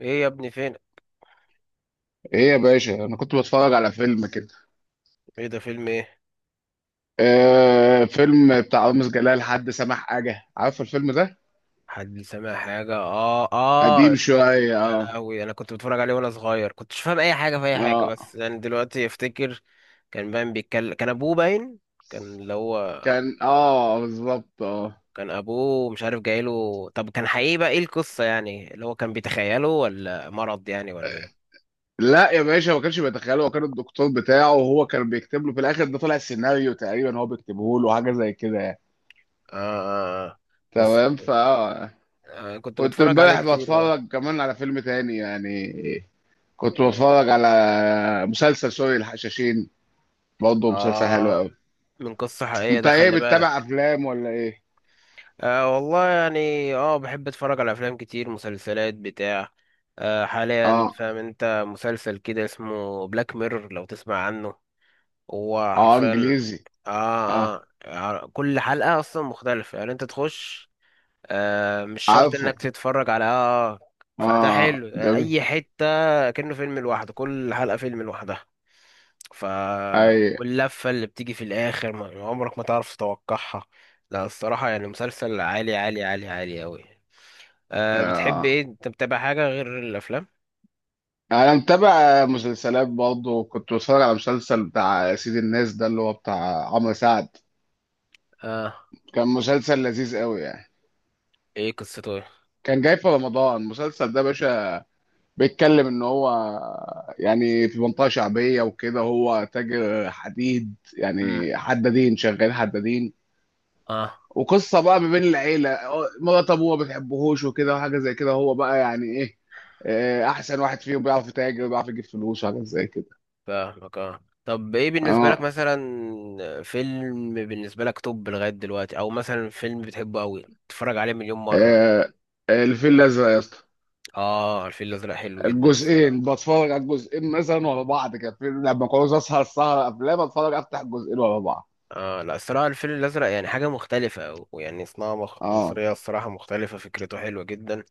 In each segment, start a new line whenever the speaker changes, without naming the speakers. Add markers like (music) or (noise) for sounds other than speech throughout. ايه يا ابني فين؟
ايه يا باشا، انا كنت بتفرج على فيلم كده.
ايه ده؟ فيلم ايه؟
آه، فيلم بتاع رامز جلال، حد سمح حاجه، عارف الفيلم ده؟
حد سامع حاجه؟ اه
قديم
اه.
شويه،
يا
اه
لهوي، انا كنت بتفرج عليه وانا صغير، كنت مش فاهم اي حاجه في اي حاجه،
اه.
بس يعني دلوقتي افتكر. كان باين بيتكلم، كان ابوه باين، كان اللي هو
كان بالظبط، اه.
كان ابوه مش عارف جايله. طب كان حقيقي؟ بقى ايه القصه؟ يعني اللي هو كان بيتخيله ولا مرض يعني ولا ايه؟
لا يا باشا، ما كانش بيتخيله، هو كان الدكتور بتاعه، وهو كان بيكتب له في الاخر. ده طلع السيناريو تقريبا هو بيكتبه له، حاجه زي كده يعني.
اه اه آه. بس.
تمام
آه، كنت
كنت
بتفرج عليه
امبارح
كتير اه.
بتفرج كمان على فيلم تاني يعني، كنت
إيه.
بتفرج على مسلسل سوري، الحشاشين، برضه مسلسل حلو
اه،
قوي.
من قصه حقيقيه
انت
ده،
ايه،
خلي
بتتابع
بالك.
افلام ولا ايه؟
أه والله يعني بحب اتفرج على افلام كتير، مسلسلات، بتاع. أه، حاليا
اه
فاهم انت، مسلسل كده اسمه بلاك ميرور لو تسمع عنه. هو
اه،
حرفيا.
انجليزي.
آه,
اه،
كل حلقة اصلا مختلفة، يعني انت تخش. أه، مش شرط
عارفه.
انك تتفرج على. فده
اه،
حلو،
جميل.
اي حتة. كأنه فيلم لوحده، كل حلقة فيلم لوحدها. ف.
اي،
واللفة اللي بتيجي في الآخر، ما يعني عمرك ما تعرف تتوقعها. لا، الصراحة يعني مسلسل عالي عالي عالي عالي أوي. أه، بتحب إيه؟
آه.
أنت متابع حاجة غير الأفلام؟
انا متابع مسلسلات برضه، كنت بتفرج على مسلسل بتاع سيد الناس ده اللي هو بتاع عمرو سعد.
أه.
كان مسلسل لذيذ قوي يعني.
إيه قصته إيه؟
كان جاي في رمضان المسلسل ده يا باشا. بيتكلم ان هو يعني في منطقة شعبية وكده، هو تاجر حديد
مم.
يعني، حدادين، شغال حدادين.
أه.
وقصه بقى ما بين العيله، مرات ابوه ما بتحبهوش وكده، وحاجه زي كده. هو بقى يعني ايه، آه، احسن واحد فيهم، بيعرف يتاجر، بيعرف يجيب فلوس وحاجات زي كده.
فاهمك، أه، طب إيه بالنسبة لك
اه،
مثلا فيلم، بالنسبة لك توب لغاية دلوقتي؟ أو مثلا فيلم بتحبه أوي تتفرج عليه مليون مرة؟
آه، الفيل الازرق يا اسطى.
أه، الفيل الأزرق حلو جدا
الجزئين،
الصراحة.
بتفرج على الجزئين مثلا ورا بعض كده، لما كنت اسهر سهره افلام اتفرج، افتح الجزئين ورا بعض.
اه، لا، الصراحة الفيل الأزرق يعني حاجة مختلفة، ويعني صناعة
اه.
مصرية الصراحة مختلفة، فكرته حلوة جدا.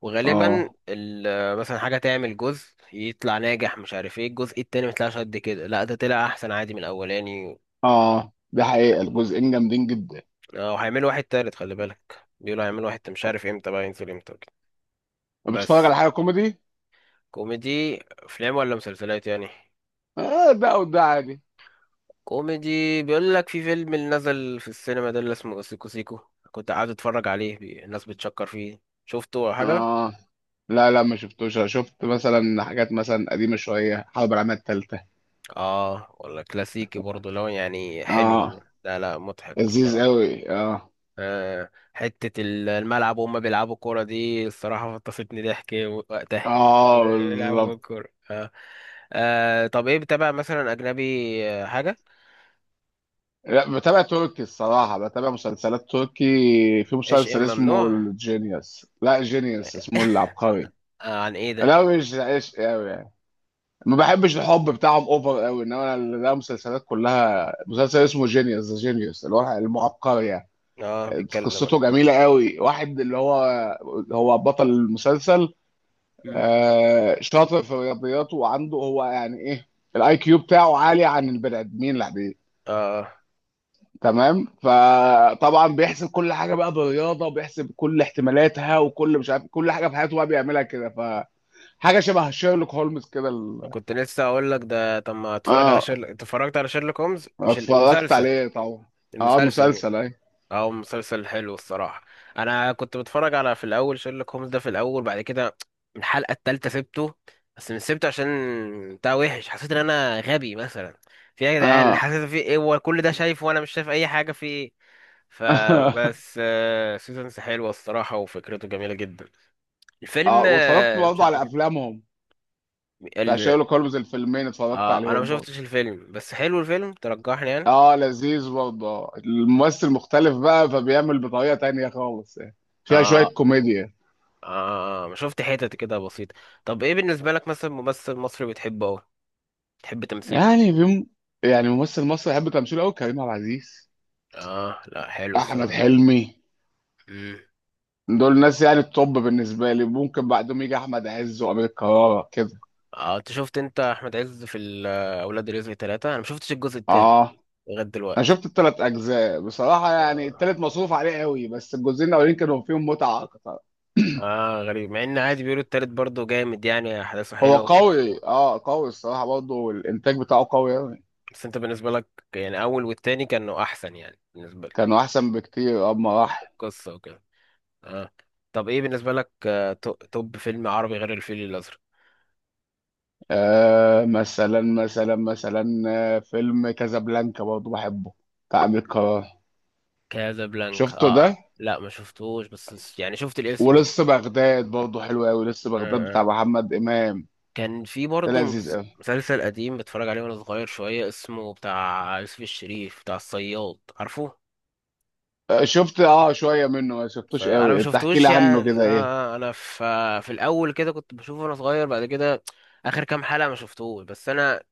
وغالبا
اه.
مثلا حاجة تعمل جزء، يطلع ناجح، مش عارف ايه الجزء التاني ميطلعش قد كده، لا ده طلع أحسن عادي من الأولاني.
اه دي حقيقه، الجزئين جامدين جدا.
اه، وهيعملوا واحد تالت، خلي بالك، بيقولوا هيعملوا واحد، مش عارف امتى بقى ينزل امتى وكده.
بتتفرج على
بس.
حاجه كوميدي؟
كوميدي؟ أفلام ولا مسلسلات يعني؟
اه، ده وده عادي.
كوميدي، بيقول لك في فيلم اللي نزل في السينما ده اللي اسمه سيكو سيكو، كنت قاعد اتفرج عليه، الناس بتشكر فيه. شفته ولا حاجة؟
اه لا لا، ما شفتوش. أنا شفت مثلا حاجات مثلا قديمة شوية، حرب العالمية التالتة.
اه، ولا كلاسيكي برضه لو يعني حلو أوي.
اه،
لا لا مضحك
لذيذ
الصراحة.
قوي اه.
آه، حتة الملعب وهم بيلعبوا كورة دي، الصراحة فطستني ضحك وقتها
اه
(laughs) بيلعبوا
بالظبط.
كورة. آه، طب ايه؟ بتابع مثلا أجنبي حاجة؟
لا، بتابع تركي الصراحة، بتابع مسلسلات تركي. في
ايش
مسلسل اسمه
ممنوع؟
الجينيوس، لا جينيوس، اسمه العبقري.
آه، عن ايه ده؟
لا مش عيش قوي يعني، ما بحبش الحب بتاعهم اوفر قوي، لا، مسلسلات كلها، مسلسل اسمه جينيوس، ذا جينيوس، اللي هو المعبقري يعني.
اه، بيتكلم عن-.
قصته جميلة قوي، واحد اللي هو هو بطل المسلسل.
مم.
آه، شاطر في الرياضيات، وعنده هو يعني ايه، الاي كيو بتاعه عالي عن البني ادمين العاديين.
اه،
تمام، فطبعا بيحسب كل حاجه بقى بالرياضه، وبيحسب كل احتمالاتها، وكل مش عارف، كل حاجه في حياته بقى بيعملها كده. فحاجه شبه شيرلوك هولمز كده
كنت لسه اقول لك ده، طب ما اتفرج على
اه.
شيرلوك، اتفرجت على شيرلوك هومز؟ مش
اتفرجت
المسلسل.
عليه طبعا. اه،
المسلسل.
المسلسل، اي.
او مسلسل حلو الصراحه. انا كنت بتفرج على، في الاول شيرلوك هومز ده، في الاول بعد كده، من الحلقه الثالثه سبته. بس مش سبته عشان بتاع وحش، حسيت ان انا غبي مثلا. في ايه يا جدعان؟
اه.
حسيت في ايه؟ هو كل ده شايفه وانا مش شايف اي حاجه؟ في ايه؟ فبس.
(laughs)
سيزونز حلوه الصراحه، وفكرته جميله جدا. الفيلم،
اه، واتفرجت
مش.
برضه على افلامهم، بتاع
هديك.
شيرلوك هولمز، الفيلمين اتفرجت
اه، انا ما
عليهم برضه.
شفتش الفيلم، بس حلو الفيلم، ترجحني يعني.
اه، لذيذ برضه، آه. الممثل مختلف بقى، فبيعمل بطريقة تانية خالص يعني، فيها شوية
اه
كوميديا.
اه، ما شفت حتت كده بسيطة. طب ايه بالنسبة لك مثلا ممثل مصري بتحبه اوي؟ بتحب تمثيله؟
يعني بيم... يعني ممثل مصري يحب تمثيله قوي، كريم عبد العزيز،
اه، لا حلو
احمد
الصراحة.
حلمي.
امم.
دول ناس يعني التوب بالنسبة لي. ممكن بعدهم يجي احمد عز وامير كرارة كده.
اه، انت شفت، انت احمد عز في اولاد رزق ثلاثة؟ انا ما شفتش الجزء التالت
اه،
لغاية
انا
دلوقتي.
شفت الثلاث اجزاء بصراحة يعني،
اه
الثالث مصروف عليه قوي، بس الجزئين الاولين كانوا فيهم متعة اكتر.
اه، غريب، مع ان عادي بيقولوا التالت برضه جامد، يعني احداثه
هو
حلوة ومصروعة.
قوي، اه قوي الصراحة برضه، والانتاج بتاعه قوي قوي.
بس انت بالنسبة لك، يعني اول والتاني كانوا احسن يعني بالنسبة لك؟
كانوا احسن بكتير، اما راح.
القصة وكده. اه، طب ايه بالنسبة لك، توب فيلم عربي غير الفيل الأزرق؟
آه، مثلا، آه، فيلم كازابلانكا برضه بحبه، بتاع أمير كرارة،
كازابلانكا،
شفته ده؟
اه. لا، ما شفتوش، بس يعني شفت الاسم
ولسه
آه.
بغداد برضه حلو قوي، لسه بغداد بتاع
آه.
محمد إمام.
كان في
ده
برضه
لذيذ قوي.
مسلسل قديم بتفرج عليه وانا صغير شوية، اسمه بتاع يوسف الشريف، بتاع الصياد، عارفه؟
آه شفت، اه شوية منه، ما شفتوش
انا ما
قوي. انت احكي
شفتوش
لي عنه
يعني
كده، ايه؟
انا في، في الاول كده كنت بشوفه وانا صغير، بعد كده اخر كام حلقة ما شفتوش، بس انا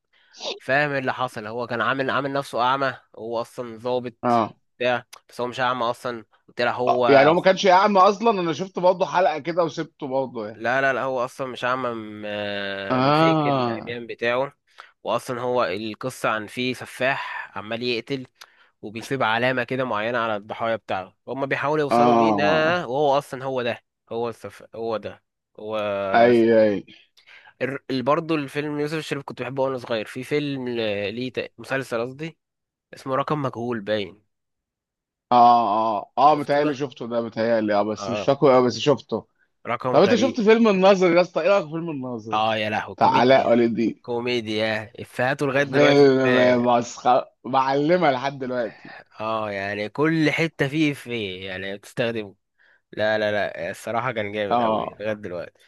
فاهم ايه اللي حصل. هو كان عامل نفسه اعمى، هو اصلا ظابط
اه
بتاع، بس هو مش اعمى اصلا. طلع
آه، يعني
هو.
هو ما كانش يعمى اصلا؟ انا شفت برضه حلقة كده وسبته برضه يعني.
لا لا لا، هو اصلا مش اعمى، مفيك
اه
العميان بتاعه. واصلا هو القصه عن فيه سفاح عمال يقتل، وبيسيب علامه كده معينه على الضحايا بتاعه، هما بيحاولوا يوصلوا مين،
اه،
وهو اصلا هو ده. هو هو ده. هو.
اي
السف-.
اي.
برضه الفيلم يوسف الشريف كنت بحبه وانا صغير، في فيلم ليه مسلسل قصدي اسمه رقم مجهول باين.
اه اه اه،
شفته ده؟
متهيألي شفته ده متهيألي، اه بس مش
اه.
فاكره قوي، بس شفته.
رقم
طب انت
غريب.
شفت فيلم الناظر يا اسطى؟ ايه رايك في فيلم الناظر
اه يا لهوي،
بتاع علاء
كوميديا.
ولي الدين؟
كوميديا، افيهاته لغايه دلوقتي
فيلم
بت...
مسخره، معلمه لحد دلوقتي.
اه، يعني كل حته فيه افيه يعني بتستخدمه. لا لا لا، الصراحه كان جامد قوي لغايه
اه
دلوقتي.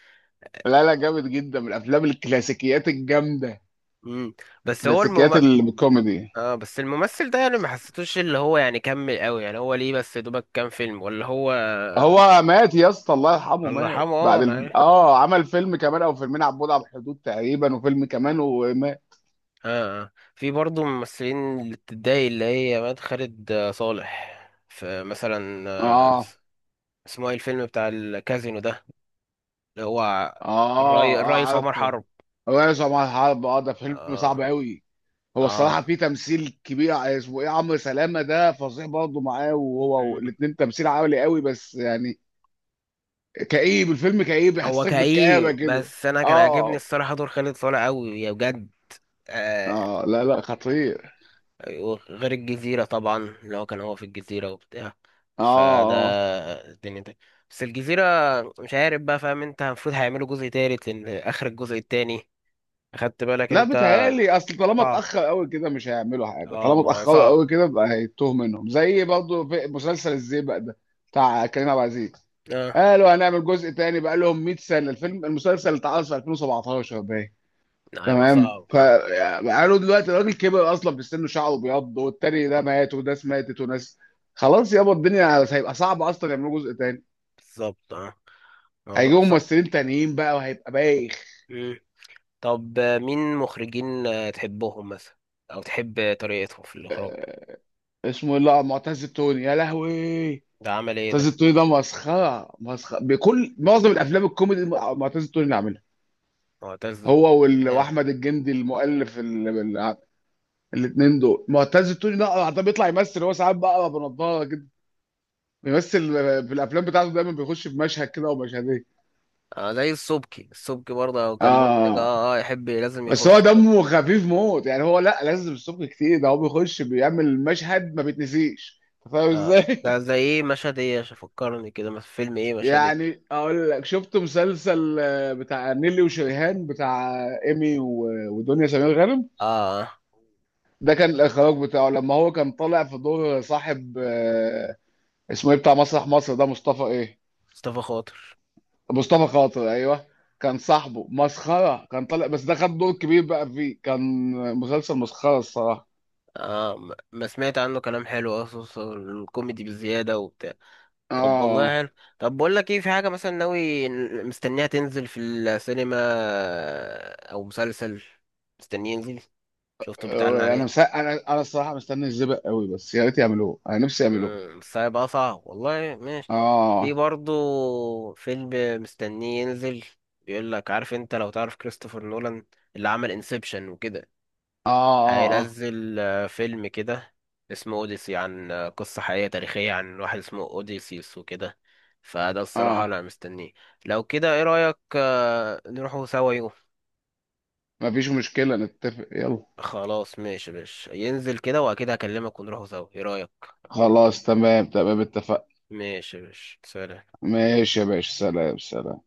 لا لا، جامد جدا، من الافلام الكلاسيكيات الجامده،
امم. بس هو
كلاسيكيات
المم...
الكوميدي.
اه، بس الممثل ده يعني ما حسيتوش اللي هو يعني كمل قوي، يعني هو ليه بس دوبك كام فيلم ولا هو؟
هو مات يا اسطى، الله يرحمه،
الله
مات
يرحمه، اه،
بعد
لا.
اه، عمل فيلم كمان او فيلمين، عبود على بعد عن الحدود تقريبا، وفيلم كمان ومات.
اه اه، في برضه ممثلين اللي بتتضايق اللي هي مات، خالد صالح. فمثلا
اه
اسمه ايه الفيلم بتاع الكازينو ده؟ اللي هو
اه. اه،
الرئيس عمر
عارفه.
حرب.
هو يا جماعه، الحرب، اه ده فيلم
اه
صعب قوي. هو
اه.
الصراحة في تمثيل كبير، اسمه ايه، عمرو سلامة ده فظيع برضه معاه، وهو
مم.
الاتنين تمثيل عالي قوي، بس يعني كئيب، الفيلم كئيب،
هو
يحسسك بالكآبة
كئيب،
كده.
بس انا كان عاجبني
اه
الصراحه دور خالد صالح قوي يا بجد. آه.
اه، لا لا خطير.
غير الجزيره طبعا، اللي هو كان هو في الجزيره وبتاع.
اه
فده
اه.
الدنيا دي. بس الجزيره مش عارف بقى، فاهم انت، المفروض هيعملوا جزء تالت لان اخر الجزء التاني، اخدت بالك
لا
انت؟
بتهيألي، اصل طالما
صعب.
اتأخر قوي كده، مش هيعملوا حاجة.
اه
طالما
ما هو
اتأخروا
صعب.
قوي كده بقى، هيتوه منهم، زي برضه في مسلسل الزيبق ده بتاع كريم عبد العزيز.
اه.
قالوا هنعمل جزء تاني، بقى لهم 100 سنة، الفيلم، المسلسل اتعرض في 2017 باين.
لا، هيبقى
تمام،
صعب، اه.
فقالوا دلوقتي الراجل كبر اصلا في سنه، شعره بيض، والتاني ده مات، وناس ماتت وناس. خلاص يابا الدنيا، هيبقى صعب اصلا يعملوا جزء تاني.
بالظبط، اه. الموضوع
هيجيبوا
صعب.
ممثلين تانيين بقى، وهيبقى بايخ.
طب، مين مخرجين تحبهم مثلا، او تحب طريقتهم في الاخراج؟
اسمه إيه؟ لا، معتز التوني يا لهوي.
ده عمل ايه
معتز
ده؟
التوني ده مسخره، مسخره بكل معظم الافلام الكوميدي، معتز التوني اللي عاملها.
معتز.
هو
اه،
واحمد الجندي المؤلف، ال- الاتنين دول. معتز التوني ده، بيطلع يمثل هو ساعات بقى، بنضاره كده، بيمثل في الافلام بتاعته دايما، بيخش في مشهد كده او مشهدين.
زي السبكي، السبكي برضه لو كان منتج
اه،
اه اه، يحب لازم
بس هو
يخش كده.
دمه خفيف موت يعني، هو لا لازم الصبح كتير، ده هو بيخش بيعمل مشهد ما بيتنسيش، أنت فاهم
اه، ده
ازاي؟
زي ايه؟ مشهد ايه عشان فكرني كده؟ مثلا فيلم ايه؟
(laughs)
مشهد ايه؟
يعني اقول لك، شفت مسلسل آه، بتاع نيلي وشريهان، بتاع ايمي ودنيا سمير غانم.
اه
ده كان الاخراج بتاعه. لما هو كان طالع في دور صاحب، آه، اسمه ايه، بتاع مسرح مصر ده، مصطفى ايه؟
مصطفى خاطر.
مصطفى خاطر، ايوه. كان صاحبه مسخره، كان طالع بس، ده خد دور كبير بقى فيه. كان مسلسل مسخره الصراحه.
اه، ما سمعت عنه كلام حلو، اصلا الكوميدي بزيادة وبتاع. طب
اه
والله حلو. طب بقول لك ايه، في حاجة مثلا ناوي مستنيها تنزل في السينما، او مسلسل مستنيه ينزل، شفته بيتعلن
آه، انا
عليه؟
مس... انا انا الصراحه مستني الزبق قوي، بس يا ريت يعملوه، انا نفسي يعملوه.
امم، بس هيبقى صعب والله، ماشي.
اه
في
اه
برضو فيلم مستنيه ينزل، بيقول لك، عارف انت لو تعرف كريستوفر نولان اللي عمل انسبشن وكده؟
اه اه
هينزل فيلم كده اسمه اوديسي، عن قصة حقيقية تاريخية عن واحد اسمه اوديسيوس وكده. فده الصراحة
اه.
انا مستنيه. لو كده، ايه رأيك نروحوا سوا يوم؟
مفيش مشكله، نتفق يلا.
خلاص، ماشي يا باشا، ينزل كده واكيد هكلمك ونروحوا سوا، ايه رأيك؟
خلاص تمام تمام، اتفق.
ماشي يا باشا، سلام.
ماشي يا باشا، سلام سلام.